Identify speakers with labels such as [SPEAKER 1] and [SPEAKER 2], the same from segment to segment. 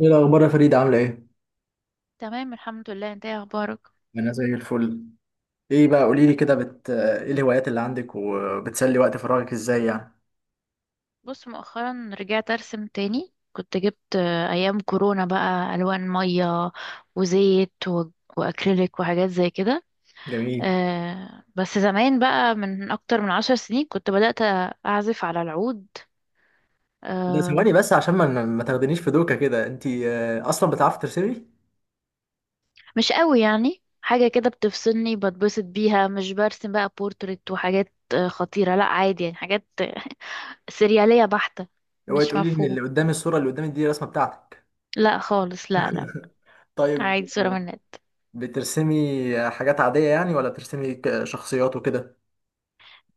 [SPEAKER 1] ايه الاخبار يا فريد، عامله ايه؟
[SPEAKER 2] تمام، الحمد لله. انت ايه اخبارك؟
[SPEAKER 1] انا زي الفل. ايه بقى، قولي لي كده ايه الهوايات اللي عندك وبتسلي وقت فراغك ازاي يعني؟
[SPEAKER 2] بص، مؤخرا رجعت ارسم تاني. كنت جبت ايام كورونا بقى الوان ميه وزيت واكريليك وحاجات زي كده.
[SPEAKER 1] جميل.
[SPEAKER 2] آه، بس زمان بقى من اكتر من 10 سنين كنت بدأت اعزف على العود.
[SPEAKER 1] ده
[SPEAKER 2] آه،
[SPEAKER 1] ثواني بس عشان ما تاخدنيش في دوكه كده. انت اصلا بتعرفي ترسمي؟
[SPEAKER 2] مش قوي يعني. حاجة كده بتفصلني بتبسط بيها. مش برسم بقى بورتريت وحاجات خطيرة. لا عادي يعني حاجات سريالية بحتة.
[SPEAKER 1] اوعي
[SPEAKER 2] مش
[SPEAKER 1] تقولي ان اللي
[SPEAKER 2] مفهوم.
[SPEAKER 1] قدامي، الصوره اللي قدامي دي الرسمه بتاعتك.
[SPEAKER 2] لا خالص، لا لا.
[SPEAKER 1] طيب.
[SPEAKER 2] عادي، صورة من النت.
[SPEAKER 1] بترسمي حاجات عاديه يعني، ولا بترسمي شخصيات وكده؟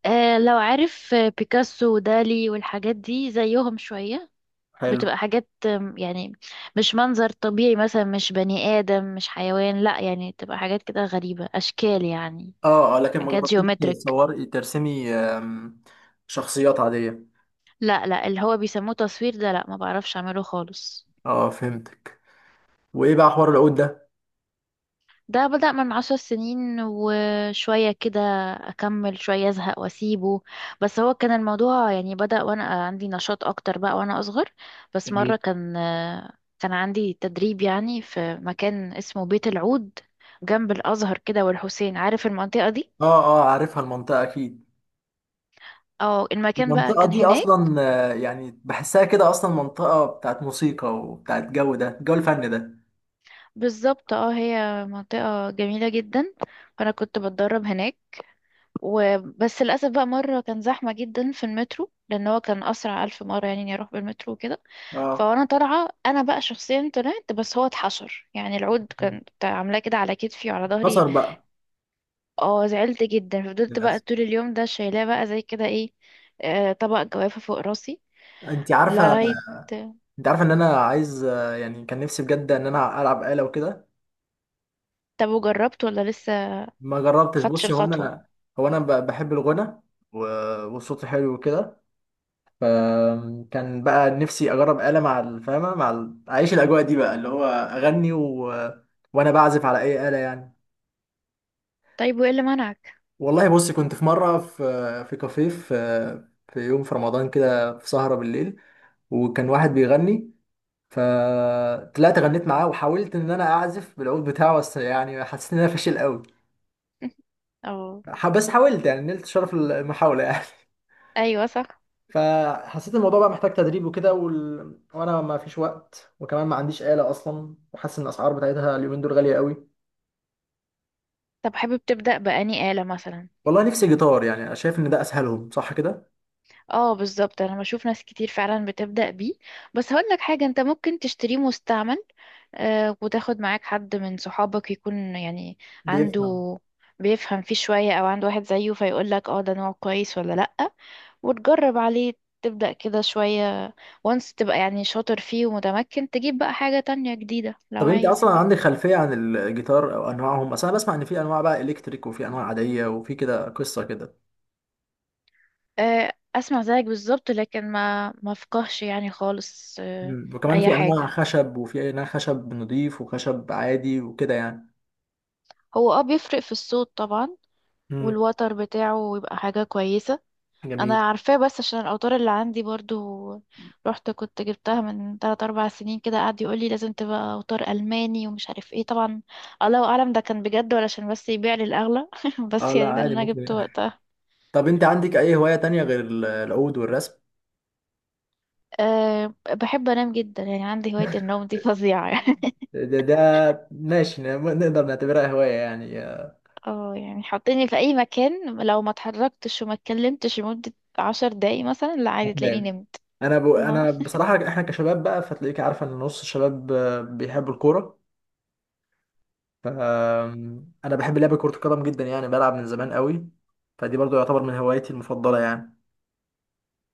[SPEAKER 2] آه، لو عارف بيكاسو ودالي والحاجات دي زيهم شوية.
[SPEAKER 1] حلو.
[SPEAKER 2] بتبقى حاجات يعني. مش منظر طبيعي مثلا، مش بني آدم، مش حيوان، لا يعني تبقى حاجات كده غريبة أشكال يعني.
[SPEAKER 1] اه اه، لكن ما
[SPEAKER 2] حاجات
[SPEAKER 1] جربتيش
[SPEAKER 2] جيومتريك.
[SPEAKER 1] تصوري ترسمي شخصيات عاديه؟
[SPEAKER 2] لا لا، اللي هو بيسموه تصوير ده، لا، ما بعرفش أعمله خالص.
[SPEAKER 1] اه فهمتك. وايه بقى حوار العود ده؟
[SPEAKER 2] ده بدأ من 10 سنين وشوية كده. أكمل شوية، أزهق وأسيبه. بس هو كان الموضوع يعني بدأ وأنا عندي نشاط أكتر بقى، وأنا أصغر. بس مرة كان عندي تدريب يعني في مكان اسمه بيت العود، جنب الأزهر كده والحسين. عارف المنطقة دي؟
[SPEAKER 1] اه اه عارفها المنطقة اكيد.
[SPEAKER 2] اه، المكان بقى
[SPEAKER 1] المنطقة
[SPEAKER 2] كان
[SPEAKER 1] دي
[SPEAKER 2] هناك.
[SPEAKER 1] اصلا، يعني بحسها كده اصلا منطقة بتاعت موسيقى، وبتاعت جو، ده جو الفن ده.
[SPEAKER 2] بالظبط، اه، هي منطقة جميلة جدا. فأنا كنت بتدرب هناك. وبس للأسف بقى مرة كان زحمة جدا في المترو، لأن هو كان أسرع ألف مرة يعني إني أروح بالمترو وكده.
[SPEAKER 1] اه
[SPEAKER 2] فأنا طالعة، أنا بقى شخصيا طلعت، بس هو اتحشر يعني. العود كان عاملاه كده على كتفي وعلى ظهري.
[SPEAKER 1] اتكسر بقى.
[SPEAKER 2] اه، زعلت جدا. فضلت بقى
[SPEAKER 1] للاسف.
[SPEAKER 2] طول اليوم ده شايلاه بقى زي كده ايه، طبق جوافة فوق راسي
[SPEAKER 1] انت عارفة
[SPEAKER 2] لغاية.
[SPEAKER 1] انت عارفة ان انا عايز، يعني كان نفسي بجد ان انا العب آلة وكده.
[SPEAKER 2] طب، وجربت ولا لسه
[SPEAKER 1] ما جربتش.
[SPEAKER 2] خدتش
[SPEAKER 1] بصي،
[SPEAKER 2] الخطوة؟
[SPEAKER 1] هو انا بحب الغنى، والصوت حلو وكده. فكان بقى نفسي اجرب آلة مع الفاهمة، مع اعيش الاجواء دي بقى اللي هو اغني وانا بعزف على اي آلة يعني.
[SPEAKER 2] طيب، وإيه اللي منعك؟
[SPEAKER 1] والله بص، كنت في مرة في، في كافيه، في يوم في رمضان كده، في سهرة بالليل، وكان واحد بيغني، فطلعت غنيت معاه وحاولت ان انا اعزف بالعود بتاعه، بس يعني حسيت ان انا فاشل قوي.
[SPEAKER 2] اه،
[SPEAKER 1] بس حاولت يعني، نلت شرف المحاولة يعني.
[SPEAKER 2] أيوة، صح.
[SPEAKER 1] فحسيت الموضوع بقى محتاج تدريب وكده، وانا ما فيش وقت، وكمان ما عنديش آلة اصلا، وحاسس ان الاسعار بتاعتها اليومين دول غالية قوي.
[SPEAKER 2] طب، حابب تبدأ بأني آلة مثلا؟
[SPEAKER 1] والله نفسي جيتار، يعني أنا شايف ان ده اسهلهم، صح كده؟
[SPEAKER 2] اه، بالظبط. انا بشوف ناس كتير فعلا بتبدأ بيه. بس هقول لك حاجة، انت ممكن تشتريه مستعمل. وتاخد معاك حد من صحابك يكون يعني
[SPEAKER 1] دي.
[SPEAKER 2] عنده، بيفهم فيه شوية او عنده واحد زيه فيقول لك: اه، ده نوع كويس ولا لأ. وتجرب عليه، تبدأ كده شوية. وانس تبقى يعني شاطر فيه ومتمكن، تجيب بقى حاجة تانية جديدة لو
[SPEAKER 1] طب انت
[SPEAKER 2] عايز.
[SPEAKER 1] اصلا عندك خلفيه عن الجيتار او انواعهم؟ بس انا بسمع ان في انواع بقى الكتريك، وفي انواع عاديه، وفي كده قصه كده.
[SPEAKER 2] اسمع زيك بالظبط، لكن ما فقهش يعني خالص
[SPEAKER 1] مم. وكمان
[SPEAKER 2] اي
[SPEAKER 1] في انواع
[SPEAKER 2] حاجة.
[SPEAKER 1] خشب، وفي انواع خشب نضيف وخشب عادي وكده يعني.
[SPEAKER 2] هو بيفرق في الصوت طبعا.
[SPEAKER 1] امم.
[SPEAKER 2] والوتر بتاعه يبقى حاجة كويسة.
[SPEAKER 1] جميل.
[SPEAKER 2] أنا عارفاه. بس عشان الأوتار اللي عندي برضو، رحت كنت جبتها من تلات أربع سنين كده. قعد يقولي لازم تبقى أوتار ألماني ومش عارف ايه طبعا. الله أعلم ده كان بجد ولا عشان بس يبيع لي الأغلى.
[SPEAKER 1] اه
[SPEAKER 2] بس
[SPEAKER 1] لا
[SPEAKER 2] يعني ده اللي
[SPEAKER 1] عادي
[SPEAKER 2] أنا جبته
[SPEAKER 1] ممكن.
[SPEAKER 2] وقتها.
[SPEAKER 1] طب انت عندك اي هوايه تانية غير العود والرسم؟
[SPEAKER 2] أه، بحب أنام جدا يعني. عندي هواية النوم دي فظيعة يعني.
[SPEAKER 1] ده ماشي، نقدر نعتبرها هواية يعني.
[SPEAKER 2] اه، يعني حطيني في أي مكان. لو ما اتحركتش وما اتكلمتش لمدة 10 دقايق مثلا، لا عادي، تلاقيني
[SPEAKER 1] هتنام.
[SPEAKER 2] نمت. آه.
[SPEAKER 1] انا بصراحه، احنا كشباب بقى فتلاقيك عارفه ان نص الشباب بيحبوا الكوره. ف انا بحب لعب كرة القدم جدا، يعني بلعب من زمان قوي، فدي برضو يعتبر من هوايتي المفضلة يعني.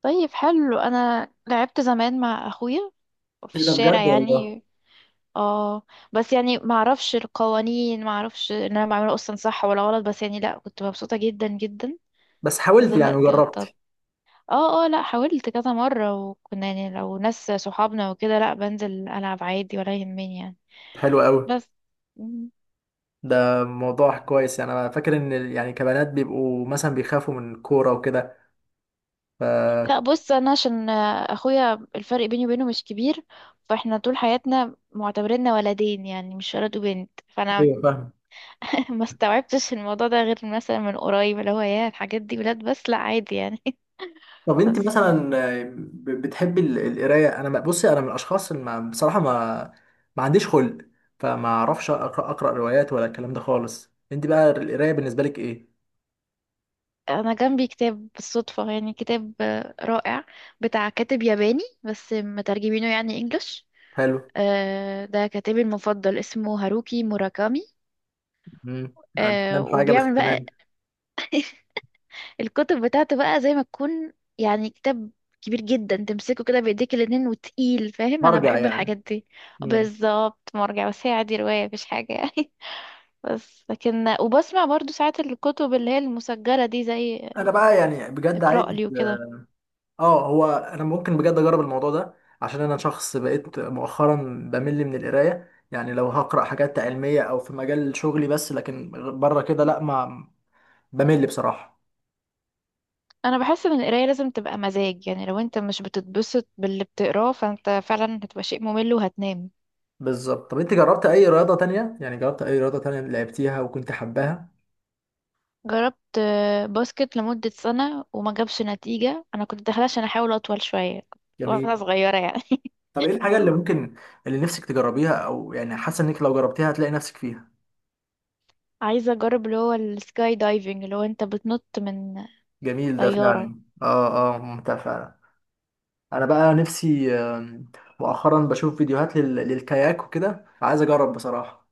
[SPEAKER 2] طيب، حلو. أنا لعبت زمان مع أخويا في
[SPEAKER 1] ايه ده
[SPEAKER 2] الشارع
[SPEAKER 1] بجد والله؟
[SPEAKER 2] يعني. اه، بس يعني ما اعرفش القوانين، ما اعرفش ان انا بعمله اصلا صح ولا غلط، بس يعني لا، كنت مبسوطة جدا جدا.
[SPEAKER 1] بس
[SPEAKER 2] بس
[SPEAKER 1] حاولت يعني
[SPEAKER 2] دلوقتي بطلت.
[SPEAKER 1] وجربت.
[SPEAKER 2] اه، اه، لا، حاولت كذا مرة. وكنا يعني لو ناس صحابنا وكده، لا، بنزل العب عادي ولا يهمني يعني.
[SPEAKER 1] حلو قوي.
[SPEAKER 2] بس. مم.
[SPEAKER 1] ده موضوع كويس يعني. انا فاكر ان يعني كبنات بيبقوا مثلا بيخافوا من الكورة وكده. ف
[SPEAKER 2] لا، بص، انا عشان اخويا الفرق بيني وبينه مش كبير. فاحنا طول حياتنا معتبريننا ولدين يعني، مش ولد وبنت، فانا
[SPEAKER 1] ايوه فاهم.
[SPEAKER 2] ما استوعبتش الموضوع ده غير مثلا من قريب، اللي هو يا الحاجات دي بلاد، بس لا عادي يعني.
[SPEAKER 1] طب انت
[SPEAKER 2] بس.
[SPEAKER 1] مثلا، بتحبي القراية؟ انا بصي، انا من الاشخاص اللي ما بصراحة ما عنديش خلق، فما اعرفش اقرا روايات ولا الكلام ده خالص. انت بقى القراية بالنسبة لك ايه؟
[SPEAKER 2] انا جنبي كتاب بالصدفة يعني. كتاب رائع بتاع كاتب ياباني بس مترجمينه يعني انجلش.
[SPEAKER 1] حلو.
[SPEAKER 2] ده كاتبي المفضل اسمه هاروكي موراكامي.
[SPEAKER 1] مم. انا مش فاهم حاجه، بس
[SPEAKER 2] وبيعمل
[SPEAKER 1] تمام.
[SPEAKER 2] بقى الكتب بتاعته بقى زي ما تكون يعني كتاب كبير جدا، تمسكه كده بايديك الاتنين وتقيل. فاهم؟ انا
[SPEAKER 1] برجع
[SPEAKER 2] بحب
[SPEAKER 1] يعني.
[SPEAKER 2] الحاجات دي.
[SPEAKER 1] مم.
[SPEAKER 2] بالظبط مرجع. بس هي عادي رواية مفيش حاجة يعني. بس لكن وبسمع برضو ساعات الكتب اللي هي المسجلة دي، زي
[SPEAKER 1] انا بقى يعني بجد عايز.
[SPEAKER 2] اقرأ لي وكده.
[SPEAKER 1] اه، هو انا ممكن بجد اجرب الموضوع ده، عشان انا شخص بقيت مؤخرا بمل من القرايه. يعني لو هقرا حاجات علميه او في مجال شغلي بس، لكن بره كده لا، ما بمل بصراحه.
[SPEAKER 2] انا بحس ان القراية لازم تبقى مزاج يعني. لو انت مش بتتبسط باللي بتقراه فانت فعلا هتبقى شيء ممل وهتنام.
[SPEAKER 1] بالظبط. طب انت جربت اي رياضه تانية؟ يعني جربت اي رياضه تانية لعبتيها وكنت حباها؟
[SPEAKER 2] جربت باسكت لمدة سنة وما جابش نتيجة. انا كنت داخلة عشان احاول اطول شوية، وانا
[SPEAKER 1] جميل.
[SPEAKER 2] صغيرة يعني.
[SPEAKER 1] طب ايه الحاجه اللي ممكن، اللي نفسك تجربيها، او يعني حاسه انك لو جربتيها هتلاقي نفسك فيها؟
[SPEAKER 2] عايزة اجرب اللي هو السكاي دايفنج، اللي هو انت بتنط من
[SPEAKER 1] جميل ده فعلا.
[SPEAKER 2] طيارة.
[SPEAKER 1] اه اه، ممتع فعلا. انا بقى نفسي، مؤخرا بشوف فيديوهات للكاياك وكده، عايز اجرب بصراحه.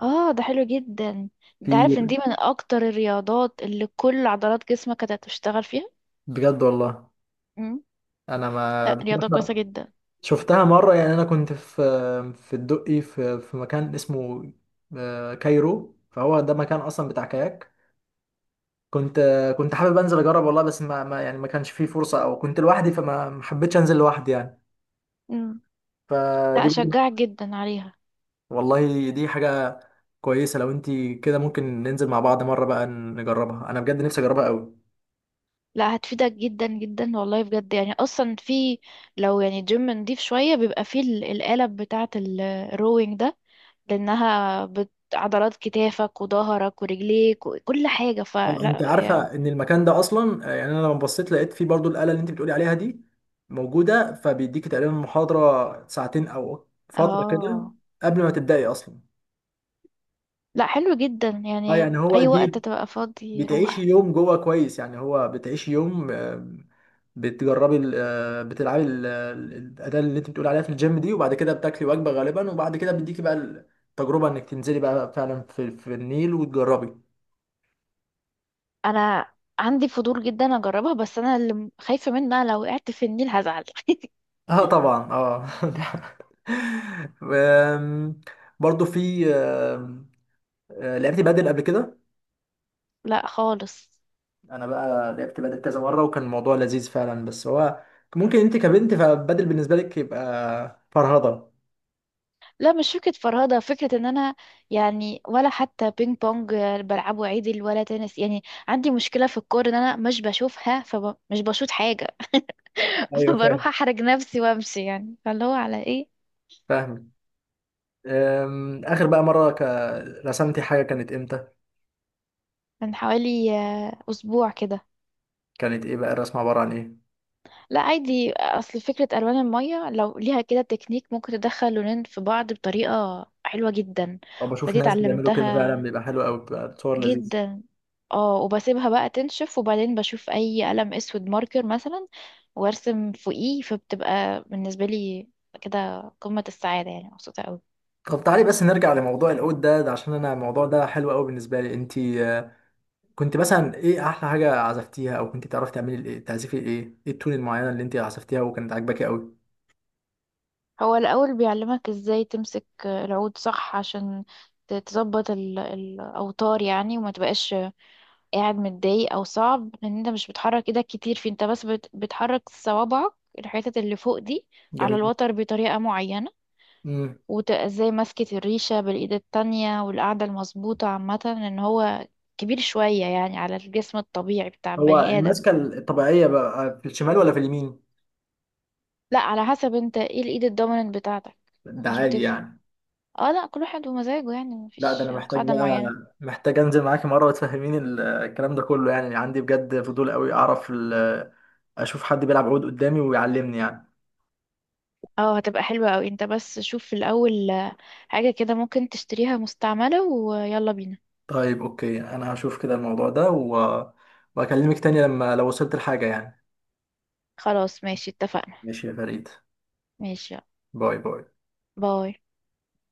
[SPEAKER 2] اه، ده حلو جدا. انت
[SPEAKER 1] في.
[SPEAKER 2] عارف ان دي من اكتر الرياضات اللي كل عضلات جسمك هتشتغل فيها.
[SPEAKER 1] بجد والله. انا ما
[SPEAKER 2] لا، رياضة كويسة
[SPEAKER 1] بصراحه
[SPEAKER 2] جدا.
[SPEAKER 1] شفتها مره يعني. انا كنت في، في الدقي، في مكان اسمه كايرو، فهو ده مكان اصلا بتاع كاياك. كنت حابب انزل اجرب والله، بس ما يعني ما كانش فيه فرصه، او كنت لوحدي، فما ما حبيتش انزل لوحدي يعني.
[SPEAKER 2] مم. لا،
[SPEAKER 1] فدي،
[SPEAKER 2] أشجعك جدا عليها.
[SPEAKER 1] والله دي حاجه كويسه. لو انت كده، ممكن ننزل مع بعض مره بقى نجربها. انا بجد نفسي اجربها قوي.
[SPEAKER 2] لا، هتفيدك جدا جدا والله بجد يعني. أصلا في، لو يعني جيم نضيف شوية بيبقى فيه القالب بتاعة الروينج ده. لأنها عضلات كتافك وظهرك ورجليك وكل حاجة،
[SPEAKER 1] اه انت
[SPEAKER 2] فلا
[SPEAKER 1] عارفه ان المكان ده اصلا، يعني انا لما بصيت لقيت فيه برضو الاله اللي انت بتقولي عليها دي موجوده، فبيديكي تقريبا محاضره ساعتين او فتره كده
[SPEAKER 2] اه،
[SPEAKER 1] قبل ما تبداي اصلا.
[SPEAKER 2] لا، حلو جدا
[SPEAKER 1] اه
[SPEAKER 2] يعني.
[SPEAKER 1] يعني هو
[SPEAKER 2] أي وقت
[SPEAKER 1] دي،
[SPEAKER 2] تبقى فاضي،
[SPEAKER 1] بتعيشي
[SPEAKER 2] روح.
[SPEAKER 1] يوم جوه كويس يعني. هو بتعيشي يوم، بتجربي بتلعبي الاداه اللي انت بتقولي عليها في الجيم دي، وبعد كده بتاكلي وجبه غالبا، وبعد كده بيديكي بقى التجربه انك تنزلي بقى فعلا في, النيل وتجربي.
[SPEAKER 2] أنا عندي فضول جدا أجربها، بس أنا اللي خايفة منها لو وقعت في النيل هزعل.
[SPEAKER 1] اه طبعا. اه. أم، برضو في لعبت بدل قبل كده.
[SPEAKER 2] لا خالص.
[SPEAKER 1] انا بقى لعبت بدل كذا مره، وكان الموضوع لذيذ فعلا، بس هو ممكن انت كبنت فبدل بالنسبه لك يبقى فرهضه.
[SPEAKER 2] لا، مش فكرة فرهدة. فكرة ان انا يعني، ولا حتى بينج بونج بلعبه عدل ولا تنس. يعني عندي مشكلة في الكورة، ان انا مش بشوفها فمش بشوط حاجة.
[SPEAKER 1] ايوه
[SPEAKER 2] فبروح
[SPEAKER 1] فاهم،
[SPEAKER 2] احرج نفسي وامشي يعني، فاللي هو على ايه.
[SPEAKER 1] فاهم. اخر بقى مره رسمتي حاجه كانت امتى؟
[SPEAKER 2] من حوالي اسبوع كده.
[SPEAKER 1] كانت ايه بقى الرسمه؟ عباره عن ايه؟
[SPEAKER 2] لا، عادي، اصل فكرة الوان المية لو ليها كده تكنيك ممكن تدخل لونين في بعض بطريقة حلوة جدا.
[SPEAKER 1] او بشوف
[SPEAKER 2] فدي
[SPEAKER 1] ناس بيعملوا كده فعلا،
[SPEAKER 2] اتعلمتها
[SPEAKER 1] بيبقى حلو قوي، بيبقى صور لذيذ.
[SPEAKER 2] جدا. اه، وبسيبها بقى تنشف وبعدين بشوف اي قلم اسود ماركر مثلا وارسم فوقيه. فبتبقى بالنسبة لي كده قمة السعادة يعني، مبسوطة قوي.
[SPEAKER 1] طب تعالي بس نرجع لموضوع العود ده عشان انا الموضوع ده حلو قوي بالنسبه لي. انت كنت مثلا ايه احلى حاجه عزفتيها؟ او كنت تعرفي تعملي الايه، تعزفي ايه؟ ايه التون المعينه اللي انت عزفتيها وكانت عاجباكي قوي؟
[SPEAKER 2] هو الأول بيعلمك ازاي تمسك العود صح، عشان تظبط الأوتار يعني، وما تبقاش قاعد متضايق أو صعب، لأن انت مش بتحرك ايدك كتير، في انت بس بتحرك صوابعك الحتت اللي فوق دي على
[SPEAKER 1] جميل.
[SPEAKER 2] الوتر بطريقة معينة.
[SPEAKER 1] امم.
[SPEAKER 2] وازاي مسكت الريشة بالإيد التانية، والقعدة المظبوطة عامة، لأن هو كبير شوية يعني على الجسم الطبيعي بتاع
[SPEAKER 1] هو
[SPEAKER 2] البني آدم.
[SPEAKER 1] المسكه الطبيعيه بقى في الشمال ولا في اليمين؟
[SPEAKER 2] لا، على حسب انت ايه الإيد الدوميننت بتاعتك.
[SPEAKER 1] ده
[SPEAKER 2] مش
[SPEAKER 1] عادي
[SPEAKER 2] بتفرق.
[SPEAKER 1] يعني.
[SPEAKER 2] اه، لا، كل واحد ومزاجه يعني
[SPEAKER 1] لا ده
[SPEAKER 2] مفيش
[SPEAKER 1] انا محتاج
[SPEAKER 2] قاعدة
[SPEAKER 1] بقى،
[SPEAKER 2] معينة.
[SPEAKER 1] محتاج انزل معاكي مره وتفهميني الكلام ده كله. يعني عندي بجد فضول قوي، اعرف اشوف حد بيلعب عود قدامي ويعلمني يعني.
[SPEAKER 2] اه، هتبقى حلوة اوي. انت بس شوف في الأول حاجة كده ممكن تشتريها مستعملة، ويلا بينا.
[SPEAKER 1] طيب اوكي، انا هشوف كده الموضوع ده واكلمك تاني لما لو وصلت لحاجه يعني.
[SPEAKER 2] خلاص، ماشي، اتفقنا.
[SPEAKER 1] ماشي يا فريد.
[SPEAKER 2] ماشي يلا.
[SPEAKER 1] باي باي.
[SPEAKER 2] باي.